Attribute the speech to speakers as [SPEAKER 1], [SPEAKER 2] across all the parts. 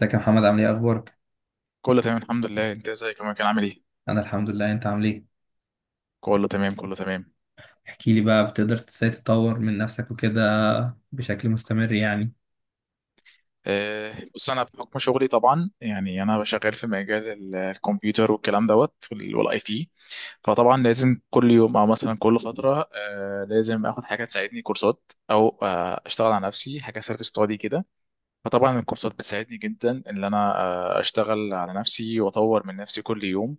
[SPEAKER 1] ازيك يا محمد، عامل ايه اخبارك؟
[SPEAKER 2] كله تمام الحمد لله، انت ازيك يا كان عامل ايه؟
[SPEAKER 1] انا الحمد لله، انت عامل ايه؟
[SPEAKER 2] كله تمام كله تمام.
[SPEAKER 1] احكي لي بقى، بتقدر ازاي تطور من نفسك وكده بشكل مستمر يعني؟
[SPEAKER 2] بص انا بحكم شغلي طبعا يعني انا شغال في مجال الكمبيوتر والكلام دوت والاي تي. فطبعا لازم كل يوم او مثلا كل فتره لازم اخد حاجه تساعدني كورسات او اشتغل على نفسي حاجه سيلف ستادي كده. فطبعا الكورسات بتساعدني جدا ان انا اشتغل على نفسي واطور من نفسي كل يوم.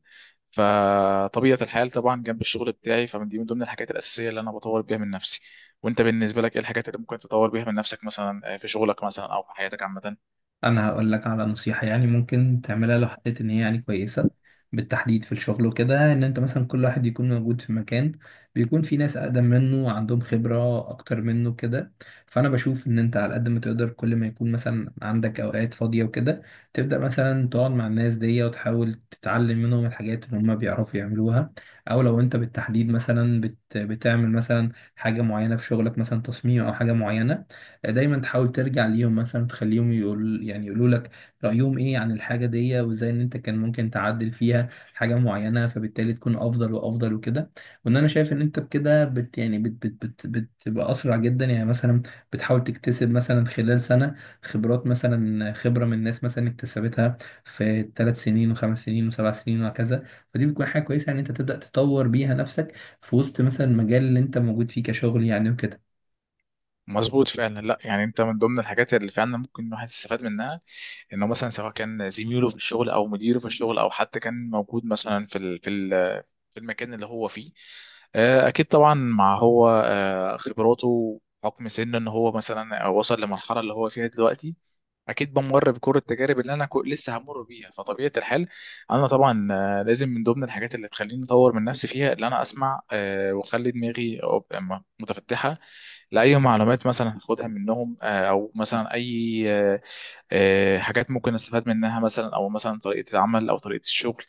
[SPEAKER 2] فطبيعة الحال طبعا جنب الشغل بتاعي فمن دي من ضمن الحاجات الأساسية اللي انا بطور بيها من نفسي. وانت بالنسبة لك ايه الحاجات اللي ممكن تطور بيها من نفسك مثلا في شغلك مثلا او في حياتك عامة؟
[SPEAKER 1] انا هقول لك على نصيحة يعني ممكن تعملها لو حسيت ان هي يعني كويسة. بالتحديد في الشغل وكده، ان انت مثلا كل واحد يكون موجود في مكان بيكون في ناس اقدم منه وعندهم خبرة اكتر منه كده، فانا بشوف ان انت على قد ما تقدر كل ما يكون مثلا عندك اوقات فاضية وكده تبدأ مثلا تقعد مع الناس دي وتحاول تتعلم منهم الحاجات اللي هم بيعرفوا يعملوها. او لو انت بالتحديد مثلا بتعمل مثلا حاجة معينة في شغلك، مثلا تصميم او حاجة معينة، دايما تحاول ترجع ليهم مثلا تخليهم يعني يقولوا لك رأيهم ايه عن الحاجة دي وازاي ان انت كان ممكن تعدل فيها حاجة معينة، فبالتالي تكون افضل وافضل وكده. وان انا شايف ان انت بكده بت يعني بت بت بت بتبقى اسرع جدا يعني. مثلا بتحاول تكتسب مثلا خلال سنة خبرات، مثلا خبرة من الناس مثلا اكتسبتها في 3 سنين وخمس سنين وسبع سنين وهكذا. فدي بتكون حاجة كويسة ان انت تبدأ تطور بيها نفسك في وسط مثلا المجال اللي انت موجود فيه كشغل يعني.
[SPEAKER 2] مظبوط فعلا، لا يعني انت من ضمن الحاجات اللي فعلا ممكن الواحد يستفاد منها انه مثلا سواء كان زميله في الشغل او مديره في الشغل او حتى كان موجود مثلا في المكان اللي هو فيه. اكيد طبعا مع هو خبراته حكم سنه ان هو مثلا وصل لمرحله اللي هو فيها دلوقتي، اكيد بمر بكل التجارب اللي انا لسه همر بيها. فطبيعه الحال انا طبعا لازم من ضمن الحاجات اللي تخليني اطور من نفسي فيها اللي انا اسمع واخلي دماغي متفتحه لاي معلومات مثلا هاخدها منهم، او مثلا اي حاجات ممكن استفاد منها مثلا او مثلا طريقه العمل او طريقه الشغل.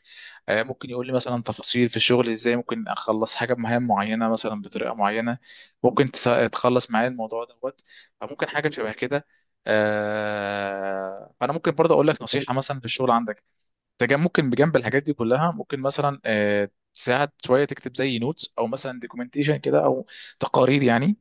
[SPEAKER 2] ممكن يقول لي مثلا تفاصيل في الشغل ازاي ممكن اخلص حاجه بمهام معينه مثلا بطريقه معينه، ممكن تخلص معايا الموضوع دوت. فممكن حاجه شبه كده. فانا ممكن برضه اقول لك نصيحه مثلا في الشغل عندك. انت ممكن بجنب الحاجات دي كلها ممكن مثلا تساعد شويه تكتب زي نوتس او مثلا دوكيومنتيشن كده او تقارير يعني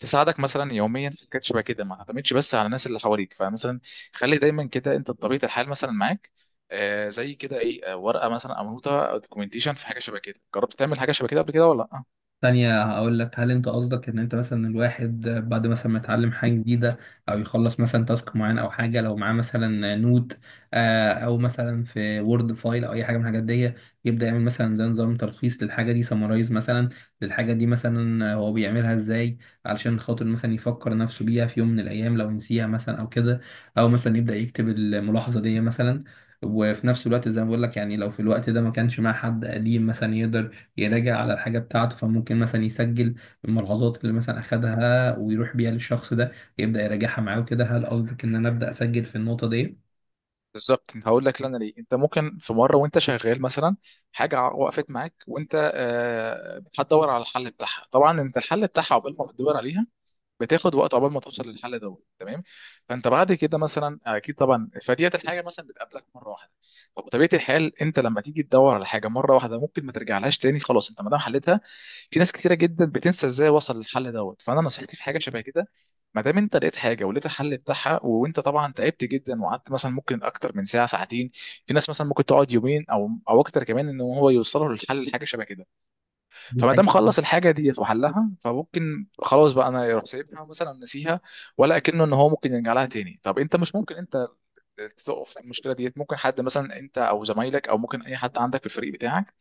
[SPEAKER 2] تساعدك مثلا يوميا في حاجات شبه كده، ما تعتمدش بس على الناس اللي حواليك. فمثلا خلي دايما كده انت طبيعه الحال مثلا معاك زي كده ايه، ورقه مثلا او نوته او دوكيومنتيشن في حاجه شبه كده. جربت تعمل حاجه شبه كده قبل كده ولا لا؟
[SPEAKER 1] تانية هقول لك، هل انت قصدك ان انت مثلا الواحد بعد مثلا ما يتعلم حاجة جديدة او يخلص مثلا تاسك معين او حاجة، لو معاه مثلا نوت او مثلا في وورد فايل او اي حاجة من الحاجات دي، يبدأ يعمل مثلا زي نظام تلخيص للحاجة دي، سمرايز مثلا للحاجة دي مثلا هو بيعملها ازاي، علشان خاطر مثلا يفكر نفسه بيها في يوم من الايام لو نسيها مثلا او كده؟ او مثلا يبدأ يكتب الملاحظة دي مثلا. وفي نفس الوقت زي ما بقول لك يعني، لو في الوقت ده ما كانش مع حد قديم مثلا يقدر يراجع على الحاجة بتاعته، فممكن مثلا يسجل الملاحظات اللي مثلا أخدها ويروح بيها للشخص ده، يبدأ يراجعها معاه وكده. هل قصدك إن أنا أبدأ أسجل في النقطة دي؟
[SPEAKER 2] بالظبط هقول لك لنا ليه. انت ممكن في مره وانت شغال مثلا حاجه وقفت معاك وانت هتدور على الحل بتاعها، طبعا انت الحل بتاعها عقبال ما بتدور عليها بتاخد وقت عقبال ما توصل للحل دوت تمام. فانت بعد كده مثلا اكيد طبعا فديت الحاجه مثلا بتقابلك مره واحده، فبطبيعه الحال انت لما تيجي تدور على حاجه مره واحده ممكن ما ترجعلهاش تاني خلاص انت ما دام حلتها. في ناس كتيره جدا بتنسى ازاي وصل للحل دوت. فانا نصيحتي في حاجه شبه كده، ما دام انت لقيت حاجه ولقيت الحل بتاعها وانت طبعا تعبت جدا وقعدت مثلا ممكن اكتر من ساعه ساعتين، في ناس مثلا ممكن تقعد يومين او اكتر كمان ان هو يوصلوا للحل حاجه شبه كده.
[SPEAKER 1] دي
[SPEAKER 2] فما
[SPEAKER 1] حاجة.
[SPEAKER 2] دام خلص الحاجه ديت وحلها، فممكن خلاص بقى انا يروح سايبها مثلا نسيها، ولا اكنه ان هو ممكن يرجع لها تاني. طب انت مش ممكن انت تقف في المشكله ديت، ممكن حد مثلا انت او زمايلك او ممكن اي حد عندك في الفريق بتاعك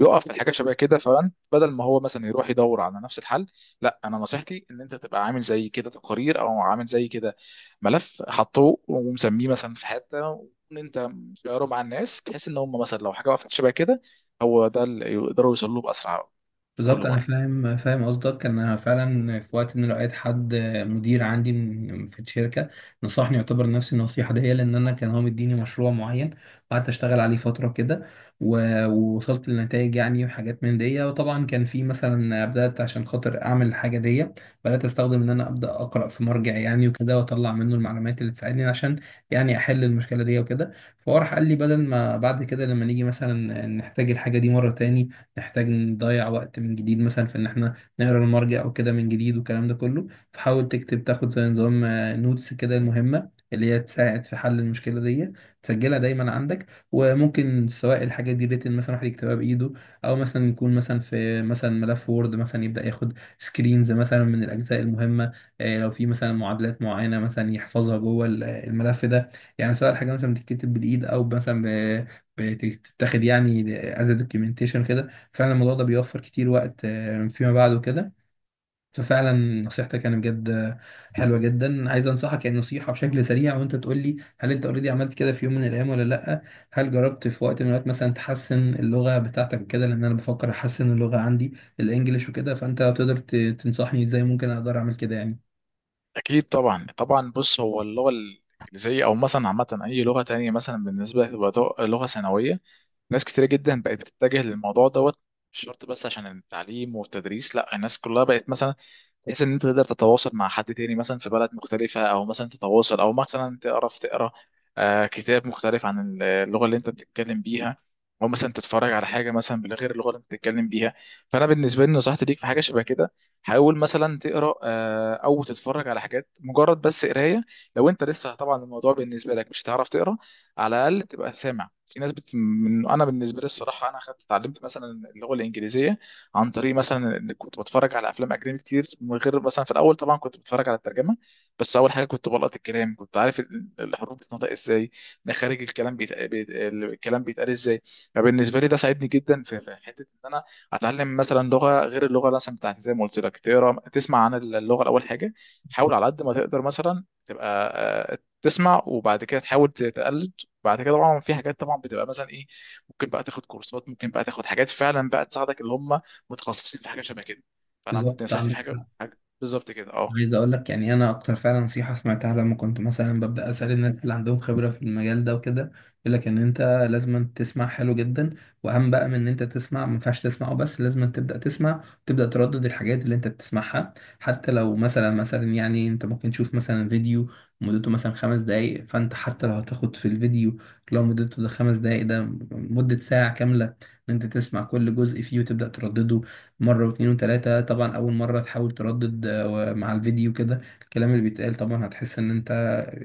[SPEAKER 2] يقف في الحاجات شبه كده، فانت بدل ما هو مثلا يروح يدور على نفس الحل، لا انا نصيحتي ان انت تبقى عامل زي كده تقارير او عامل زي كده ملف حطوه ومسميه مثلا في حته، وان انت شيره مع الناس بحيث ان هم مثلا لو حاجه وقفت شبه كده هو ده اللي يقدروا يوصلوا له باسرع في كل
[SPEAKER 1] بالظبط انا
[SPEAKER 2] مره.
[SPEAKER 1] فاهم، فاهم قصدك. انا فعلا في وقت ان لقيت حد مدير عندي في الشركه نصحني، يعتبر نفس النصيحه دي، لان انا كان هو مديني مشروع معين وقعدت اشتغل عليه فتره كده ووصلت لنتائج يعني وحاجات من دي. وطبعا كان في مثلا، بدات عشان خاطر اعمل الحاجه دي بدات استخدم ان انا ابدا اقرا في مرجع يعني وكده، واطلع منه المعلومات اللي تساعدني عشان يعني احل المشكله دي وكده. فهو راح قال لي بدل ما بعد كده لما نيجي مثلا نحتاج الحاجه دي مره تاني نحتاج نضيع وقت من جديد مثلا في ان احنا نقرا المرجع او كده من جديد والكلام ده كله، فحاول تكتب، تاخد زي نظام نوتس كده، المهمة اللي هي تساعد في حل المشكلة دي تسجلها دايما عندك. وممكن سواء الحاجة دي ريتن مثلا، واحد يكتبها بإيده، أو مثلا يكون مثلا في مثلا ملف وورد مثلا، يبدأ ياخد سكرينز مثلا من الأجزاء المهمة. لو في مثلا معادلات معينة مثلا يحفظها جوه الملف ده. يعني سواء الحاجة مثلا بتتكتب بالإيد أو مثلا ب- بتتاخد يعني از دوكيومنتيشن كده. فعلا الموضوع ده بيوفر كتير وقت فيما بعد وكده. ففعلا نصيحتك يعني بجد حلوة جدا. عايز انصحك يعني نصيحة بشكل سريع، وانت تقول لي هل انت اوريدي عملت كده في يوم من الايام ولا لا. هل جربت في وقت من الاوقات مثلا تحسن اللغة بتاعتك وكده؟ لان انا بفكر احسن اللغة عندي الانجليش وكده، فانت لو تقدر تنصحني ازاي ممكن اقدر اعمل كده يعني.
[SPEAKER 2] اكيد طبعا طبعا بص هو اللغه الانجليزيه او مثلا عامه اي لغه تانية مثلا بالنسبه تبقى لغه ثانويه، ناس كتير جدا بقت بتتجه للموضوع دوت. مش شرط بس عشان التعليم والتدريس، لا الناس كلها بقت مثلا بحيث ان انت تقدر تتواصل مع حد تاني مثلا في بلد مختلفة، او مثلا تتواصل او مثلا تعرف تقرا كتاب مختلف عن اللغة اللي انت بتتكلم بيها، او مثلا تتفرج على حاجة مثلا بغير اللغة اللي انت بتتكلم بيها. فانا بالنسبة لي نصيحتي ليك في حاجة شبه كده، حاول مثلا تقرا او تتفرج على حاجات مجرد بس قراية. لو انت لسه طبعا الموضوع بالنسبة لك مش هتعرف تقرا، على الاقل تبقى سامع. في ناس بت... من... انا بالنسبة لي الصراحة انا خدت اتعلمت مثلا اللغة الانجليزية عن طريق مثلا إن كنت بتفرج على افلام اجنبي كتير من غير مثلا، في الاول طبعا كنت بتفرج على الترجمه، بس اول حاجه كنت بلقط الكلام كنت عارف الحروف بتنطق ازاي، مخارج الكلام الكلام بيتقال ازاي. فبالنسبه لي ده ساعدني جدا في حته ان انا اتعلم مثلا لغه غير اللغه مثلا بتاعتي. زي ما قلت لك، تقرا تسمع عن اللغه الاول حاجه، حاول على قد ما تقدر مثلا تبقى تسمع وبعد كده تحاول تقلد. بعد كده طبعا في حاجات طبعا بتبقى مثلا ايه، ممكن بقى تاخد كورسات، ممكن بقى تاخد حاجات فعلا بقى تساعدك اللي هم متخصصين في حاجه شبه كده. فانا
[SPEAKER 1] بالظبط
[SPEAKER 2] نصيحتي في
[SPEAKER 1] عندك
[SPEAKER 2] حاجه
[SPEAKER 1] حق.
[SPEAKER 2] حاجه بالظبط كده اه.
[SPEAKER 1] عايز اقول لك يعني، انا اكتر فعلا نصيحه سمعتها لما كنت مثلا ببدا اسال الناس اللي عندهم خبره في المجال ده وكده، يقول لك ان انت لازم تسمع حلو جدا. واهم بقى من ان انت تسمع، ما ينفعش تسمع وبس، لازم تبدا تسمع تبدا تردد الحاجات اللي انت بتسمعها. حتى لو مثلا انت ممكن تشوف مثلا فيديو مدته مثلا 5 دقايق، فانت حتى لو هتاخد في الفيديو لو مدته ده 5 دقايق ده مده ساعه كامله ان انت تسمع كل جزء فيه وتبدا تردده مرة واتنين وتلاتة. طبعا أول مرة تحاول تردد مع الفيديو كده الكلام اللي بيتقال، طبعا هتحس إن أنت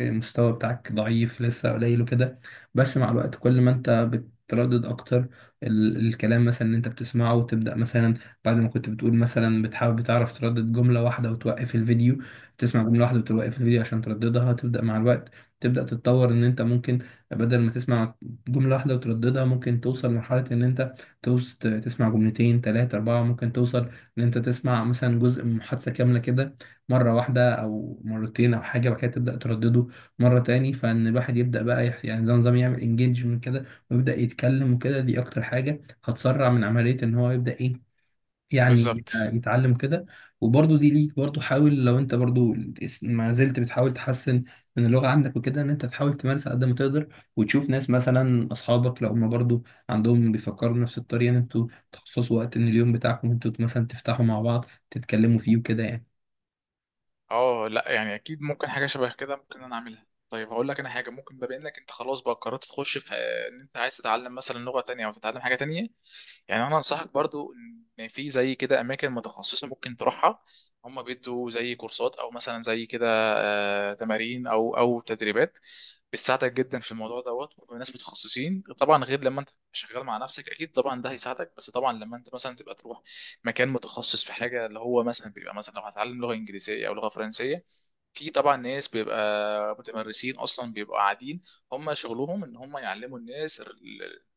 [SPEAKER 1] المستوى بتاعك ضعيف لسه قليل وكده. بس مع الوقت كل ما أنت بتردد أكتر الكلام مثلا اللي أنت بتسمعه وتبدأ مثلا، بعد ما كنت بتقول مثلا بتحاول بتعرف تردد جملة واحدة وتوقف الفيديو، تسمع جملة واحدة وتوقف الفيديو عشان ترددها، تبدأ مع الوقت تبدأ تتطور إن أنت ممكن بدل ما تسمع جملة واحدة وترددها ممكن توصل لمرحلة إن أنت تسمع جملتين تلاتة أربعة، ممكن توصل إن أنت تسمع مثلا جزء من محادثة كاملة كده مرة واحدة أو مرتين أو حاجة، بعد كده تبدأ تردده مرة تاني. فإن الواحد يبدأ بقى يعني زي نظام يعمل انجيجمنت كده ويبدأ يتكلم وكده. دي أكتر حاجة هتسرع من عملية إن هو يبدأ إيه يعني
[SPEAKER 2] بالظبط
[SPEAKER 1] يتعلم كده. وبرضه دي ليك برضه، حاول لو انت برضه ما زلت بتحاول تحسن من اللغة عندك وكده ان انت تحاول تمارس على قد ما تقدر، وتشوف ناس مثلا اصحابك لو هم برضه عندهم بيفكروا بنفس الطريقة ان انتوا تخصصوا وقت من اليوم بتاعكم انتوا مثلا تفتحوا مع بعض تتكلموا فيه وكده يعني.
[SPEAKER 2] اه، لا يعني اكيد ممكن حاجه شبه كده ممكن انا اعملها. طيب هقول لك انا حاجه، ممكن بما انك انت خلاص بقى قررت تخش في ان انت عايز تتعلم مثلا لغه تانية او تتعلم حاجه تانية، يعني انا انصحك برضو ان في زي كده اماكن متخصصه ممكن تروحها، هم بيدوا زي كورسات او مثلا زي كده تمارين او تدريبات بتساعدك جدا في الموضوع دوت. وناس متخصصين طبعا غير لما انت شغال مع نفسك، اكيد طبعا ده هيساعدك. بس طبعا لما انت مثلا تبقى تروح مكان متخصص في حاجه اللي هو مثلا بيبقى مثلا لو هتعلم لغه انجليزيه او لغه فرنسيه، في طبعا ناس بيبقى متمرسين اصلا بيبقوا قاعدين هم شغلهم ان هم يعلموا الناس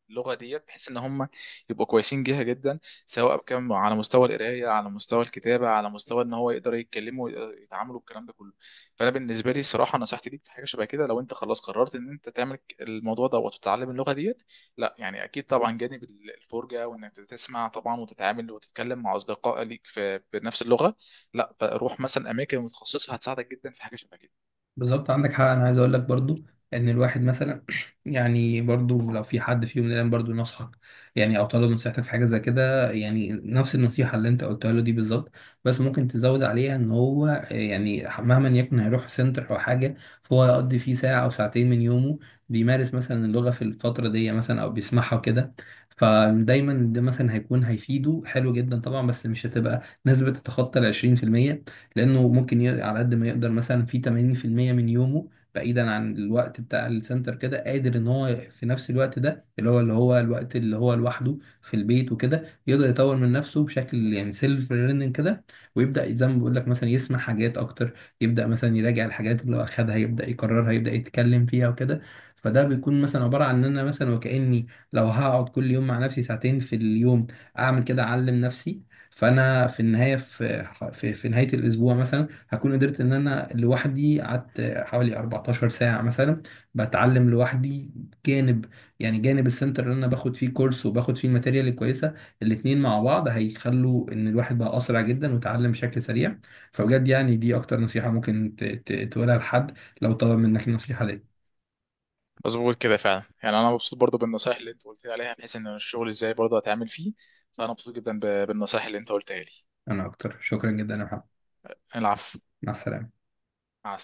[SPEAKER 2] اللغه ديت، بحيث ان هم يبقوا كويسين جيها جدا سواء بكم على مستوى القرايه، على مستوى الكتابه، على مستوى ان هو يقدر يتكلموا ويتعاملوا الكلام ده كله. فانا بالنسبه لي الصراحه نصيحتي ليك في حاجه شبه كده، لو انت خلاص قررت ان انت تعمل الموضوع ده وتتعلم اللغه ديت، لا يعني اكيد طبعا جانب الفرجه وانك تسمع طبعا وتتعامل وتتكلم مع اصدقاء ليك في بنفس اللغه، لا روح مثلا اماكن متخصصه هتساعدك جدا في حاجه شبه كده.
[SPEAKER 1] بالظبط عندك حق. انا عايز اقول لك برضو ان الواحد مثلا يعني برضو لو في حد فيهم الان برضو نصحك يعني او طلب نصيحتك في حاجه زي كده، يعني نفس النصيحه اللي انت قلتها له دي بالظبط، بس ممكن تزود عليها ان هو يعني مهما يكن هيروح سنتر او حاجه فهو يقضي فيه ساعه او ساعتين من يومه بيمارس مثلا اللغه في الفتره دي مثلا او بيسمعها وكده. فدايما ده مثلا هيكون هيفيده حلو جدا طبعا، بس مش هتبقى نسبة تتخطى ال 20%. لانه ممكن على قد ما يقدر مثلا في 80% من يومه بعيدا عن الوقت بتاع السنتر كده، قادر ان هو في نفس الوقت ده اللي هو الوقت اللي هو لوحده في البيت وكده يقدر يطور من نفسه بشكل يعني سيلف ليرنينج كده، ويبدا زي ما بقول لك مثلا يسمع حاجات اكتر، يبدا مثلا يراجع الحاجات اللي اخدها يبدا يكررها يبدا يتكلم فيها وكده. فده بيكون مثلا عباره عن ان انا مثلا وكاني لو هقعد كل يوم مع نفسي ساعتين في اليوم اعمل كده اعلم نفسي، فانا في النهايه، في نهاية الأسبوع مثلا هكون قدرت إن أنا لوحدي قعدت حوالي 14 ساعة مثلا بتعلم لوحدي، جانب يعني جانب السنتر اللي أنا باخد فيه كورس وباخد فيه الماتيريال الكويسة. الاتنين مع بعض هيخلوا إن الواحد بقى أسرع جدا وتعلم بشكل سريع. فبجد يعني دي أكتر نصيحة ممكن تقولها لحد لو طلب منك النصيحة دي.
[SPEAKER 2] مظبوط كده فعلا، يعني انا مبسوط برضو بالنصايح اللي انت قلت لي عليها بحيث ان الشغل ازاي برضو هتعمل فيه، فانا مبسوط جدا بالنصايح اللي انت قلتها لي.
[SPEAKER 1] أنا أكتر، شكرا جدا يا محمد.
[SPEAKER 2] العفو.
[SPEAKER 1] مع السلامة.
[SPEAKER 2] مع السلامه.